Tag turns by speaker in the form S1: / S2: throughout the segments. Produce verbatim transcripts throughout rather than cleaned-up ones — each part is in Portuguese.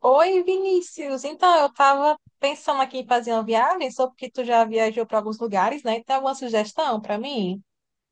S1: Oi, Vinícius. Então, eu estava pensando aqui em fazer uma viagem, só porque tu já viajou para alguns lugares, né? Tem alguma sugestão para mim?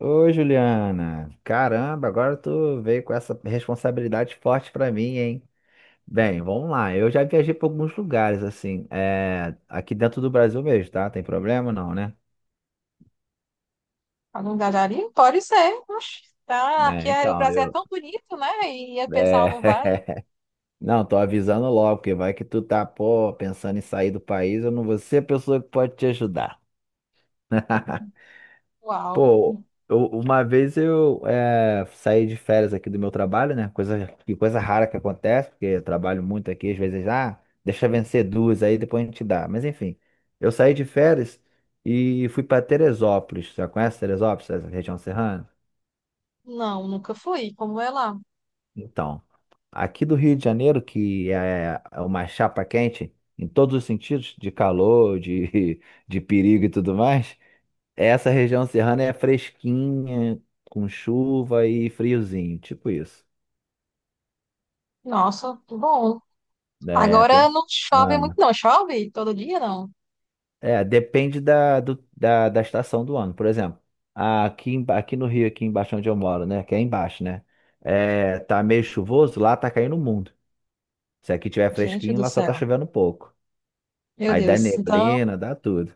S2: Ô, Juliana, caramba, agora tu veio com essa responsabilidade forte pra mim, hein? Bem, vamos lá. Eu já viajei pra alguns lugares, assim, é, aqui dentro do Brasil mesmo, tá? Tem problema não, né?
S1: Algum lugarinho? Pode ser. Oxe, tá. Aqui
S2: É,
S1: é, o
S2: então,
S1: Brasil é
S2: eu.
S1: tão bonito, né? E o pessoal
S2: É,
S1: não vai.
S2: Não, tô avisando logo, porque vai que tu tá, pô, pensando em sair do país, eu não vou ser a pessoa que pode te ajudar.
S1: Uau.
S2: Pô, eu- uma vez eu eh, saí de férias aqui do meu trabalho, né? Coisa, que coisa rara que acontece, porque eu trabalho muito aqui, às vezes, ah, deixa vencer duas aí, depois a gente dá. Mas enfim, eu saí de férias e fui para Teresópolis. Você conhece Teresópolis, essa região serrana?
S1: Não, nunca fui. Como é lá?
S2: Então, aqui do Rio de Janeiro, que é é uma chapa quente em todos os sentidos, de calor, de, de perigo e tudo mais, essa região serrana é fresquinha, com chuva e friozinho, tipo isso.
S1: Nossa, que bom.
S2: É,
S1: Agora
S2: pensa-
S1: não chove muito,
S2: Ah.
S1: não. Chove todo dia, não?
S2: É, depende da, do- da, da estação do ano. Por exemplo, aqui, em- aqui no Rio, aqui embaixo onde eu moro, né? Que é embaixo, né? É, tá meio chuvoso, lá tá caindo o mundo. Se aqui tiver
S1: Gente
S2: fresquinho,
S1: do
S2: lá só tá
S1: céu.
S2: chovendo um pouco.
S1: Meu
S2: Aí dá
S1: Deus. Então,
S2: neblina, dá tudo.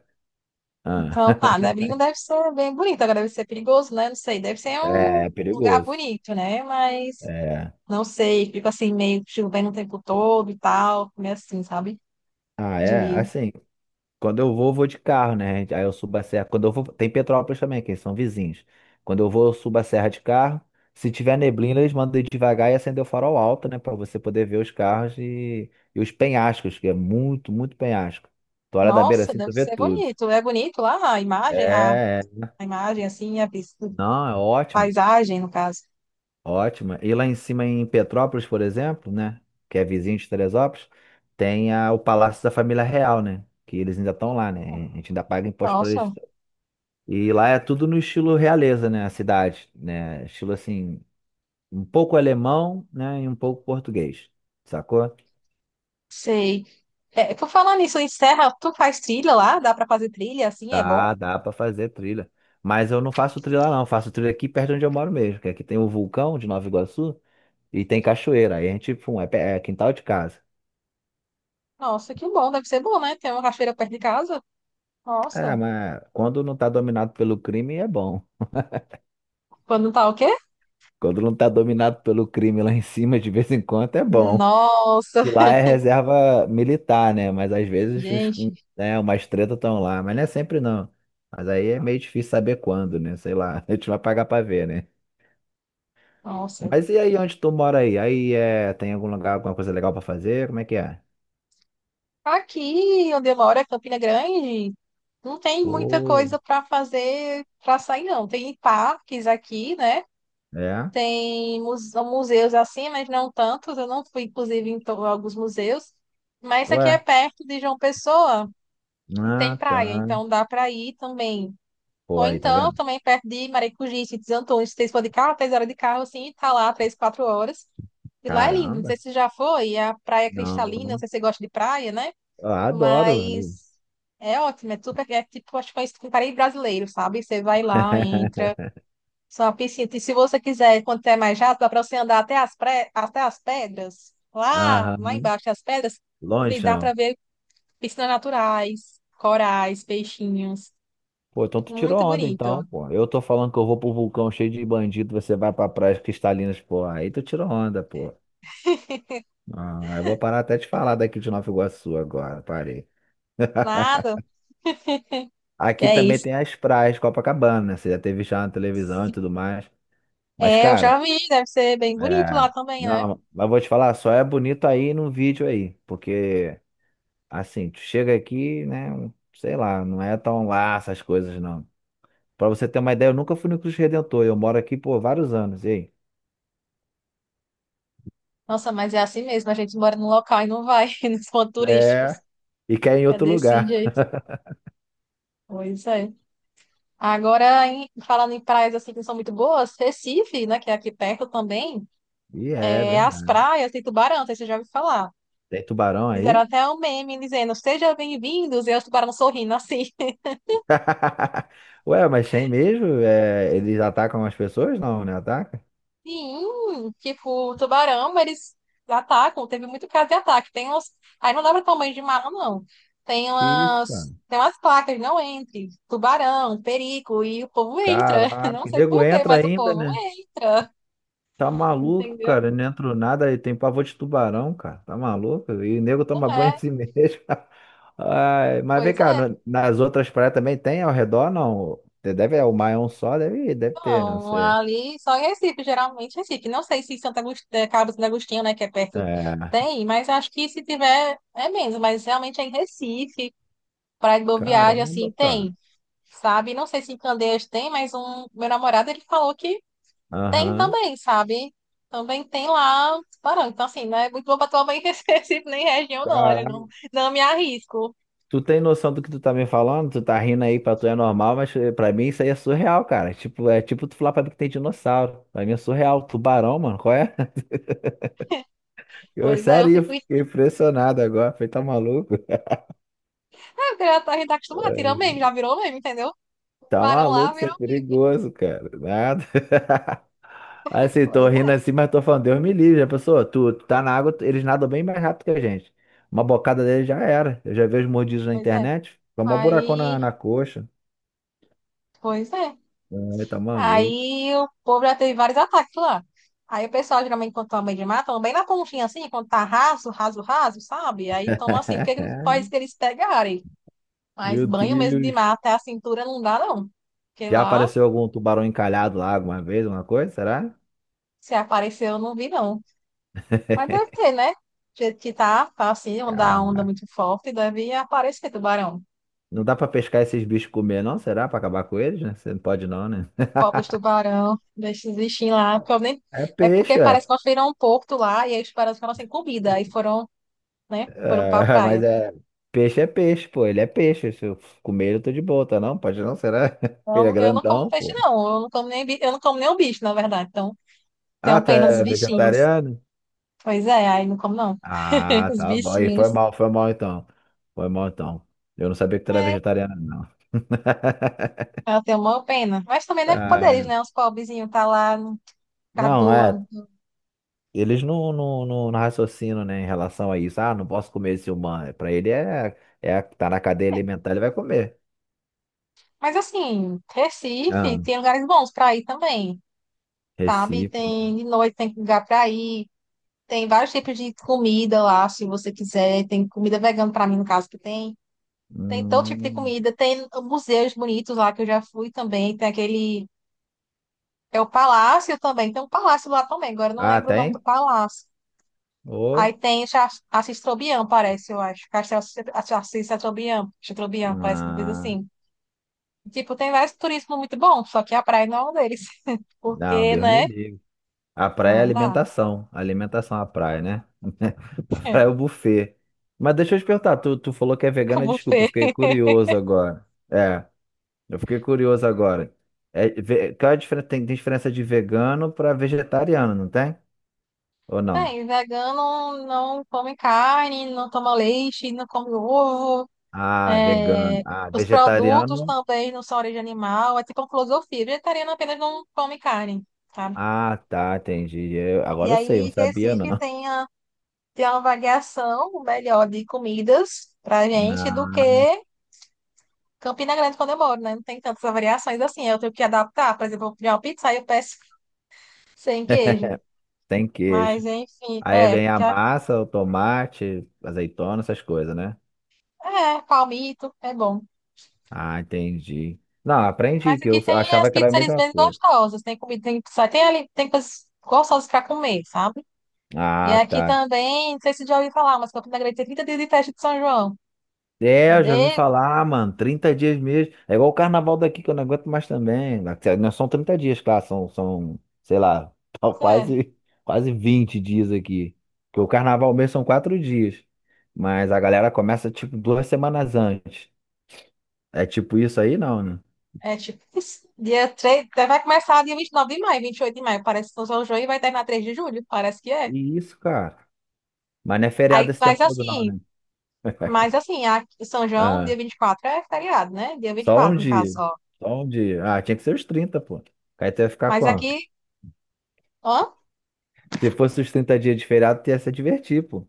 S2: Ah.
S1: então, ah, Nebrinho deve ser bem bonito. Agora deve ser perigoso, né? Não sei. Deve ser um
S2: É,
S1: lugar
S2: perigoso.
S1: bonito, né? Mas
S2: É.
S1: não sei, fico assim, meio chovendo o tempo todo e tal, meio assim, sabe?
S2: Ah, é,
S1: De,
S2: assim. Quando eu vou, vou de carro, né? Aí eu subo a serra. Quando eu vou, tem Petrópolis também, que eles são vizinhos. Quando eu vou, eu subo a serra de carro. Se tiver neblina, eles mandam ir devagar e acender o farol alto, né? Pra você poder ver os carros e, e os penhascos, que é muito, muito penhasco. Tu olha da beira
S1: nossa,
S2: assim,
S1: deve
S2: tu vê
S1: ser
S2: tudo.
S1: bonito. É bonito lá a imagem, a,
S2: É, é.
S1: a imagem, assim, a vis-
S2: Não, é ótimo,
S1: paisagem, no caso.
S2: ótimo. E lá em cima em Petrópolis, por exemplo, né? Que é vizinho de Teresópolis, tem a- o Palácio da Família Real, né? Que eles ainda estão lá, né? A gente ainda paga imposto para eles.
S1: Nossa,
S2: E lá é tudo no estilo realeza, né? A cidade, né? Estilo assim, um pouco alemão, né? E um pouco português, sacou?
S1: sei. É, por falar nisso, em Serra, tu faz trilha lá? Dá pra fazer trilha, assim, é bom?
S2: Dá, dá pra fazer trilha. Mas eu não faço trilha lá, não. Eu faço trilha aqui perto de onde eu moro mesmo, que aqui tem o vulcão de Nova Iguaçu e tem cachoeira. Aí a gente, pum, é, pe- é quintal de casa.
S1: Nossa, que bom, deve ser bom, né? Tem uma cachoeira perto de casa.
S2: Ah,
S1: Nossa,
S2: mas quando não tá dominado pelo crime, é bom.
S1: quando tá o quê?
S2: Quando não tá dominado pelo crime lá em cima, de vez em quando, é bom.
S1: Nossa,
S2: Que lá é reserva militar, né? Mas às vezes os,
S1: gente,
S2: né, umas tretas estão lá, mas não é sempre não. Mas aí é meio difícil saber quando, né? Sei lá, a gente vai pagar pra ver, né?
S1: nossa.
S2: Mas e aí, onde tu mora aí? Aí é, tem algum lugar, alguma coisa legal pra fazer? Como é que é?
S1: Aqui onde eu moro é Campina Grande, não tem muita
S2: Pô,
S1: coisa para fazer, para sair, não. Tem parques aqui, né?
S2: é?
S1: Tem muse- museus assim, mas não tantos. Eu não fui, inclusive, em to- alguns museus. Mas aqui é
S2: Ué?
S1: perto de João Pessoa e tem
S2: Ah, tá.
S1: praia, então dá para ir também.
S2: Pô,
S1: Ou
S2: aí, tá
S1: então,
S2: vendo?
S1: também perto de Maracujipe, de Antônio, se vocês for de carro, três horas de carro, assim, tá lá três, quatro horas. E lá é lindo, não
S2: Caramba.
S1: sei se já foi, é a praia
S2: Não,
S1: cristalina, não
S2: não.
S1: sei se você gosta de praia, né?
S2: Eu adoro. Viu?
S1: Mas é ótimo, é super, é tipo, acho que é um parei brasileiro, sabe? Você vai lá, entra, só uma piscina. E se você quiser, quando é mais rápido, dá para você andar até as, pré, até as pedras, lá, lá
S2: Aham.
S1: embaixo das pedras, e dá
S2: Lonjão.
S1: para ver piscinas naturais, corais, peixinhos.
S2: Pô, então tu tirou
S1: Muito
S2: onda,
S1: bonito.
S2: então, pô. Eu tô falando que eu vou pro vulcão cheio de bandido, você vai pra praias cristalinas, pô. Aí tu tirou onda, pô. Ah, eu vou parar até de falar daqui de Nova Iguaçu agora, parei.
S1: Nada, que
S2: Aqui
S1: é
S2: também
S1: isso.
S2: tem as praias de Copacabana, né? Você já teve já na televisão e tudo mais. Mas,
S1: É, eu já
S2: cara,
S1: vi, deve ser bem bonito
S2: é...
S1: lá também, né?
S2: Não, mas vou te falar, só é bonito aí no vídeo aí. Porque, assim, tu chega aqui, né? Sei lá, não é tão lá essas coisas, não. Pra você ter uma ideia, eu nunca fui no Cristo Redentor. Eu moro aqui por vários anos. E aí?
S1: Nossa, mas é assim mesmo, a gente mora num local e não vai nos pontos turísticos.
S2: É. E quer em
S1: É
S2: outro
S1: desse
S2: lugar.
S1: jeito. Pois é. Agora, em- falando em praias assim que não são muito boas, Recife, né, que é aqui perto também,
S2: E é
S1: é as
S2: verdade.
S1: praias tem tubarão, não sei se você já ouviu falar.
S2: Tem tubarão
S1: Fizeram
S2: aí?
S1: até um meme dizendo, sejam bem-vindos, e aí os tubarão sorrindo assim.
S2: Ué, mas tem mesmo? É, eles atacam as pessoas? Não, né? Ataca?
S1: Sim, tipo, tubarão, eles atacam, teve muito caso de ataque. Tem uns, aí não dá pra tomar banho de mar, não. Tem
S2: Que isso, cara?
S1: umas, tem umas placas, não entre, tubarão, perigo, e o povo entra.
S2: Caraca,
S1: Não sei
S2: nego
S1: por quê,
S2: entra
S1: mas o
S2: ainda,
S1: povo
S2: né?
S1: entra,
S2: Tá maluco,
S1: entendeu?
S2: cara. Não entrou nada e tem pavor de tubarão, cara. Tá maluco? E nego
S1: Não
S2: toma banho
S1: é,
S2: assim mesmo. Ai, mas vem
S1: pois
S2: cá,
S1: é.
S2: no- nas outras praias também tem ao redor, não? Deve, é o mar é um só, deve, deve ter, não
S1: Não,
S2: sei.
S1: ali só em Recife, geralmente Recife. Não sei se Santa Agust... eh, Cabo Santo Agostinho, né, que é perto,
S2: É.
S1: tem, mas acho que se tiver é menos, mas realmente é em Recife, Praia de Boa Viagem,
S2: Caramba,
S1: assim,
S2: cara.
S1: tem, sabe? Não sei se em Candeias tem, mas um meu namorado, ele falou que tem
S2: Aham.
S1: também, sabe? Também tem lá tubarão. Então, assim, não é muito bom pra tomar em Recife, nem região, não, eu
S2: Caraca.
S1: não, não me arrisco.
S2: Tu tem noção do que tu tá me falando? Tu tá rindo aí, pra tu é normal, mas eh, pra mim isso aí é surreal, cara. Tipo, é tipo tu falar pra mim que tem dinossauro. Pra mim é surreal. Tubarão, mano, qual é? Eu,
S1: Pois é, eu
S2: sério, eu
S1: fico,
S2: fiquei
S1: ah,
S2: impressionado agora. Falei, tá maluco?
S1: Porque já tá, a gente tá acostumado, tirando
S2: É,
S1: meme, já virou meme, entendeu?
S2: tá
S1: Tubarão lá
S2: maluco, isso é
S1: virou meme.
S2: perigoso, cara. Nada. Assim, tô
S1: Pois
S2: rindo
S1: é,
S2: assim, mas tô falando, Deus me livre, já pensou? Tu, tu tá na água, tu- eles nadam bem mais rápido que a gente. Uma bocada deles já era. Eu já vi os mordidos na
S1: pois é.
S2: internet. Foi um buracão
S1: Aí,
S2: na, na coxa.
S1: pois é.
S2: Ai, tá maluco.
S1: Aí o povo já teve vários ataques lá. Aí o pessoal geralmente quando toma banho de mar, toma bem na pontinha assim, quando tá raso, raso, raso, sabe? Aí toma assim, porque não pode que eles pegarem. Mas
S2: Meu
S1: banho mesmo de mar
S2: Deus.
S1: até a cintura não dá, não. Porque
S2: Já
S1: lá,
S2: apareceu algum tubarão encalhado lá alguma vez, alguma coisa? Será?
S1: se apareceu, eu não vi, não. Mas deve ter, né? Do jeito que tá, tá assim, onda,
S2: Cara,
S1: onda muito forte, deve aparecer tubarão.
S2: não dá pra pescar esses bichos e comer, não? Será? Pra acabar com eles, né? Você não pode, não, né?
S1: O povo dos tubarão, desses bichinhos lá, porque eu nem-
S2: É
S1: é porque
S2: peixe, é.
S1: parece que nós viram um porto lá e aí os tubarões ficaram sem comida. Aí foram, né? Foram pra
S2: É, mas
S1: praia.
S2: é. Peixe é peixe, pô. Ele é peixe. Se eu comer ele, eu tô de boa, tá não? Pode não, será? Ele é
S1: Então, eu não como
S2: grandão,
S1: peixe,
S2: pô.
S1: não. Eu não como nem, bi- eu não como nem o bicho, na verdade. Então,
S2: Ah,
S1: tenho
S2: tá
S1: pena os
S2: é
S1: bichinhos.
S2: vegetariano?
S1: Pois é, aí não como, não.
S2: Ah,
S1: Os
S2: tá bom. E foi
S1: bichinhos.
S2: mal, foi mal então. Foi mal então. Eu não sabia que tu era
S1: É,
S2: vegetariano, não.
S1: eu tenho uma pena. Mas também não é culpa deles,
S2: Ah,
S1: né? Os pobrezinhos tá lá, não
S2: não,
S1: perdoam.
S2: é. Eles não, não, não, não raciocinam, né, em relação a isso. Ah, não posso comer esse humano. É, pra ele é, é tá na cadeia alimentar, ele vai comer.
S1: Mas, assim, Recife
S2: Ah,
S1: tem lugares bons pra ir também, sabe?
S2: Recife, né?
S1: Tem de noite, tem lugar pra ir. Tem vários tipos de comida lá, se você quiser. Tem comida vegana, pra mim, no caso, que tem. Tem todo tipo de
S2: Hum.
S1: comida, tem museus bonitos lá que eu já fui também, tem aquele. É o Palácio também, tem um palácio lá também, agora eu não
S2: Ah,
S1: lembro o nome do
S2: tem?
S1: palácio. Aí
S2: Ô.
S1: tem Cha- Assis Trobian, parece, eu acho. Castelo Assis Assis Trobian, Assis Trobian, parece que coisa
S2: Ah,
S1: assim. Tipo, tem vários turismo muito bom, só que a praia não é um deles.
S2: não,
S1: Porque,
S2: Deus me
S1: né?
S2: livre. A praia é
S1: Não dá.
S2: alimentação. Alimentação é a praia, né? A praia é o buffet. Mas deixa eu te perguntar, tu, tu falou que é vegana, desculpa, eu
S1: Buffet.
S2: fiquei curioso agora. É, eu fiquei curioso agora. É, ve- qual é a diferença? Tem, tem diferença de vegano para vegetariano, não tem? Ou não?
S1: Tem, vegano não come carne, não toma leite, não come ovo.
S2: Ah, vegano.
S1: É,
S2: Ah,
S1: os produtos
S2: vegetariano.
S1: também não são origem animal, é tipo uma filosofia. Vegetariano apenas não come carne, sabe?
S2: Ah, tá, entendi. Eu-
S1: E
S2: agora eu sei, eu não
S1: aí,
S2: sabia não.
S1: Recife tem, a, tem uma variação melhor de comidas pra gente do
S2: Ah,
S1: que Campina Grande, quando eu moro, né? Não tem tantas variações assim. Eu tenho que adaptar. Por exemplo, eu vou pedir uma pizza aí eu peço sem queijo.
S2: tem
S1: Mas,
S2: queijo.
S1: enfim,
S2: Aí
S1: é,
S2: vem a
S1: que a-
S2: massa, o tomate, azeitona, essas coisas, né?
S1: é, palmito, é bom.
S2: Ah, entendi. Não, aprendi
S1: Mas
S2: que
S1: aqui
S2: eu eu
S1: tem as
S2: achava que era a
S1: pizzarias
S2: mesma
S1: bem
S2: coisa.
S1: gostosas. Tem comida, tem pizza, tem ali, tem coisas gostosas pra comer, sabe? E
S2: Ah,
S1: aqui
S2: tá.
S1: também, não sei se já ouviu falar, mas Campina Grande tem trinta dias de festa de São João.
S2: É, eu já ouvi
S1: De...
S2: falar, mano, trinta dias mesmo. É igual o carnaval daqui que eu não aguento mais também. Não são trinta dias, claro, são, são, sei lá, tá
S1: É,
S2: quase, quase vinte dias aqui. Porque o carnaval mesmo são quatro dias. Mas a galera começa tipo duas semanas antes. É tipo isso aí, não, né?
S1: é tipo isso. Dia três, vai começar dia vinte e nove de maio, vinte e oito de maio, parece que São João, e vai terminar três de julho, parece que é.
S2: E isso, cara. Mas não é feriado
S1: Aí
S2: esse tempo
S1: faz
S2: todo, não,
S1: assim,
S2: né?
S1: mas assim, aqui, São João, dia
S2: Ah,
S1: vinte e quatro é feriado, né? Dia vinte e
S2: só um
S1: quatro no caso
S2: dia.
S1: só.
S2: Só um dia. Ah, tinha que ser os trinta, pô. Aí tu ia ficar
S1: Mas
S2: como?
S1: aqui, ó,
S2: Se fosse os trinta dias de feriado, tu ia se divertir, pô.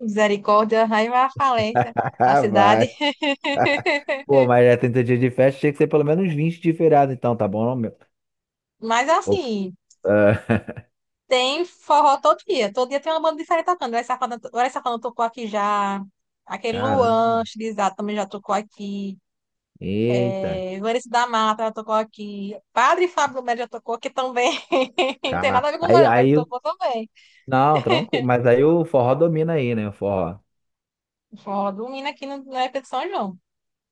S1: misericórdia, aí vai a falência, a
S2: Ah,
S1: cidade.
S2: vai. Pô, mas é trinta dias de festa, tinha que ser pelo menos vinte de feriado, então, tá bom, não, meu?
S1: Mas
S2: Ô,
S1: assim,
S2: ah,
S1: tem forró todo dia. Todo dia tem uma banda diferente tocando. Vai Safadão, Vai Safadão tocou aqui já. Aquele
S2: caramba.
S1: Luan Estilizado também já tocou aqui.
S2: Eita.
S1: É, Vanessa da Mata já tocou aqui. Padre Fábio Melo já tocou aqui também. Não tem nada a
S2: Cara.
S1: ver com o
S2: Aí,
S1: Zorão, mas
S2: aí, o-
S1: tocou também.
S2: não, tranquilo. Mas aí o forró domina aí, né? O forró.
S1: O Forró do Mina aqui no, na época de São João.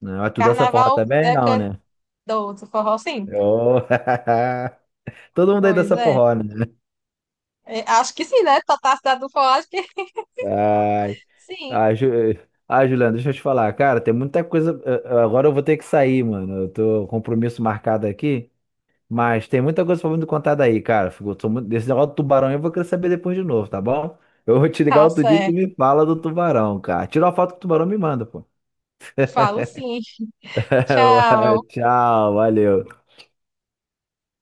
S2: Não, é tu dança forró
S1: Carnaval
S2: também?
S1: é que
S2: Não,
S1: é
S2: né?
S1: do outro forró, sim.
S2: Ô, Todo mundo aí
S1: Pois
S2: dança
S1: é.
S2: forró, né?
S1: É, acho que sim, né? Tá, tá a cidade do forró, acho que
S2: Ai,
S1: sim.
S2: ai, Ju... ai, Juliano, deixa eu te falar. Cara, tem muita coisa. eh, eh, Agora eu vou ter que sair, mano. Eu tô com um compromisso marcado aqui. Mas tem muita coisa pra me contar daí, cara. Fico- Sou muito... Desse negócio do tubarão eu vou querer saber depois de novo, tá bom? Eu vou te ligar
S1: Tá
S2: outro dia e tu me
S1: certo.
S2: fala do tubarão, cara. Tira uma foto que o tubarão me manda, pô.
S1: Falo sim. Tchau.
S2: Tchau, valeu.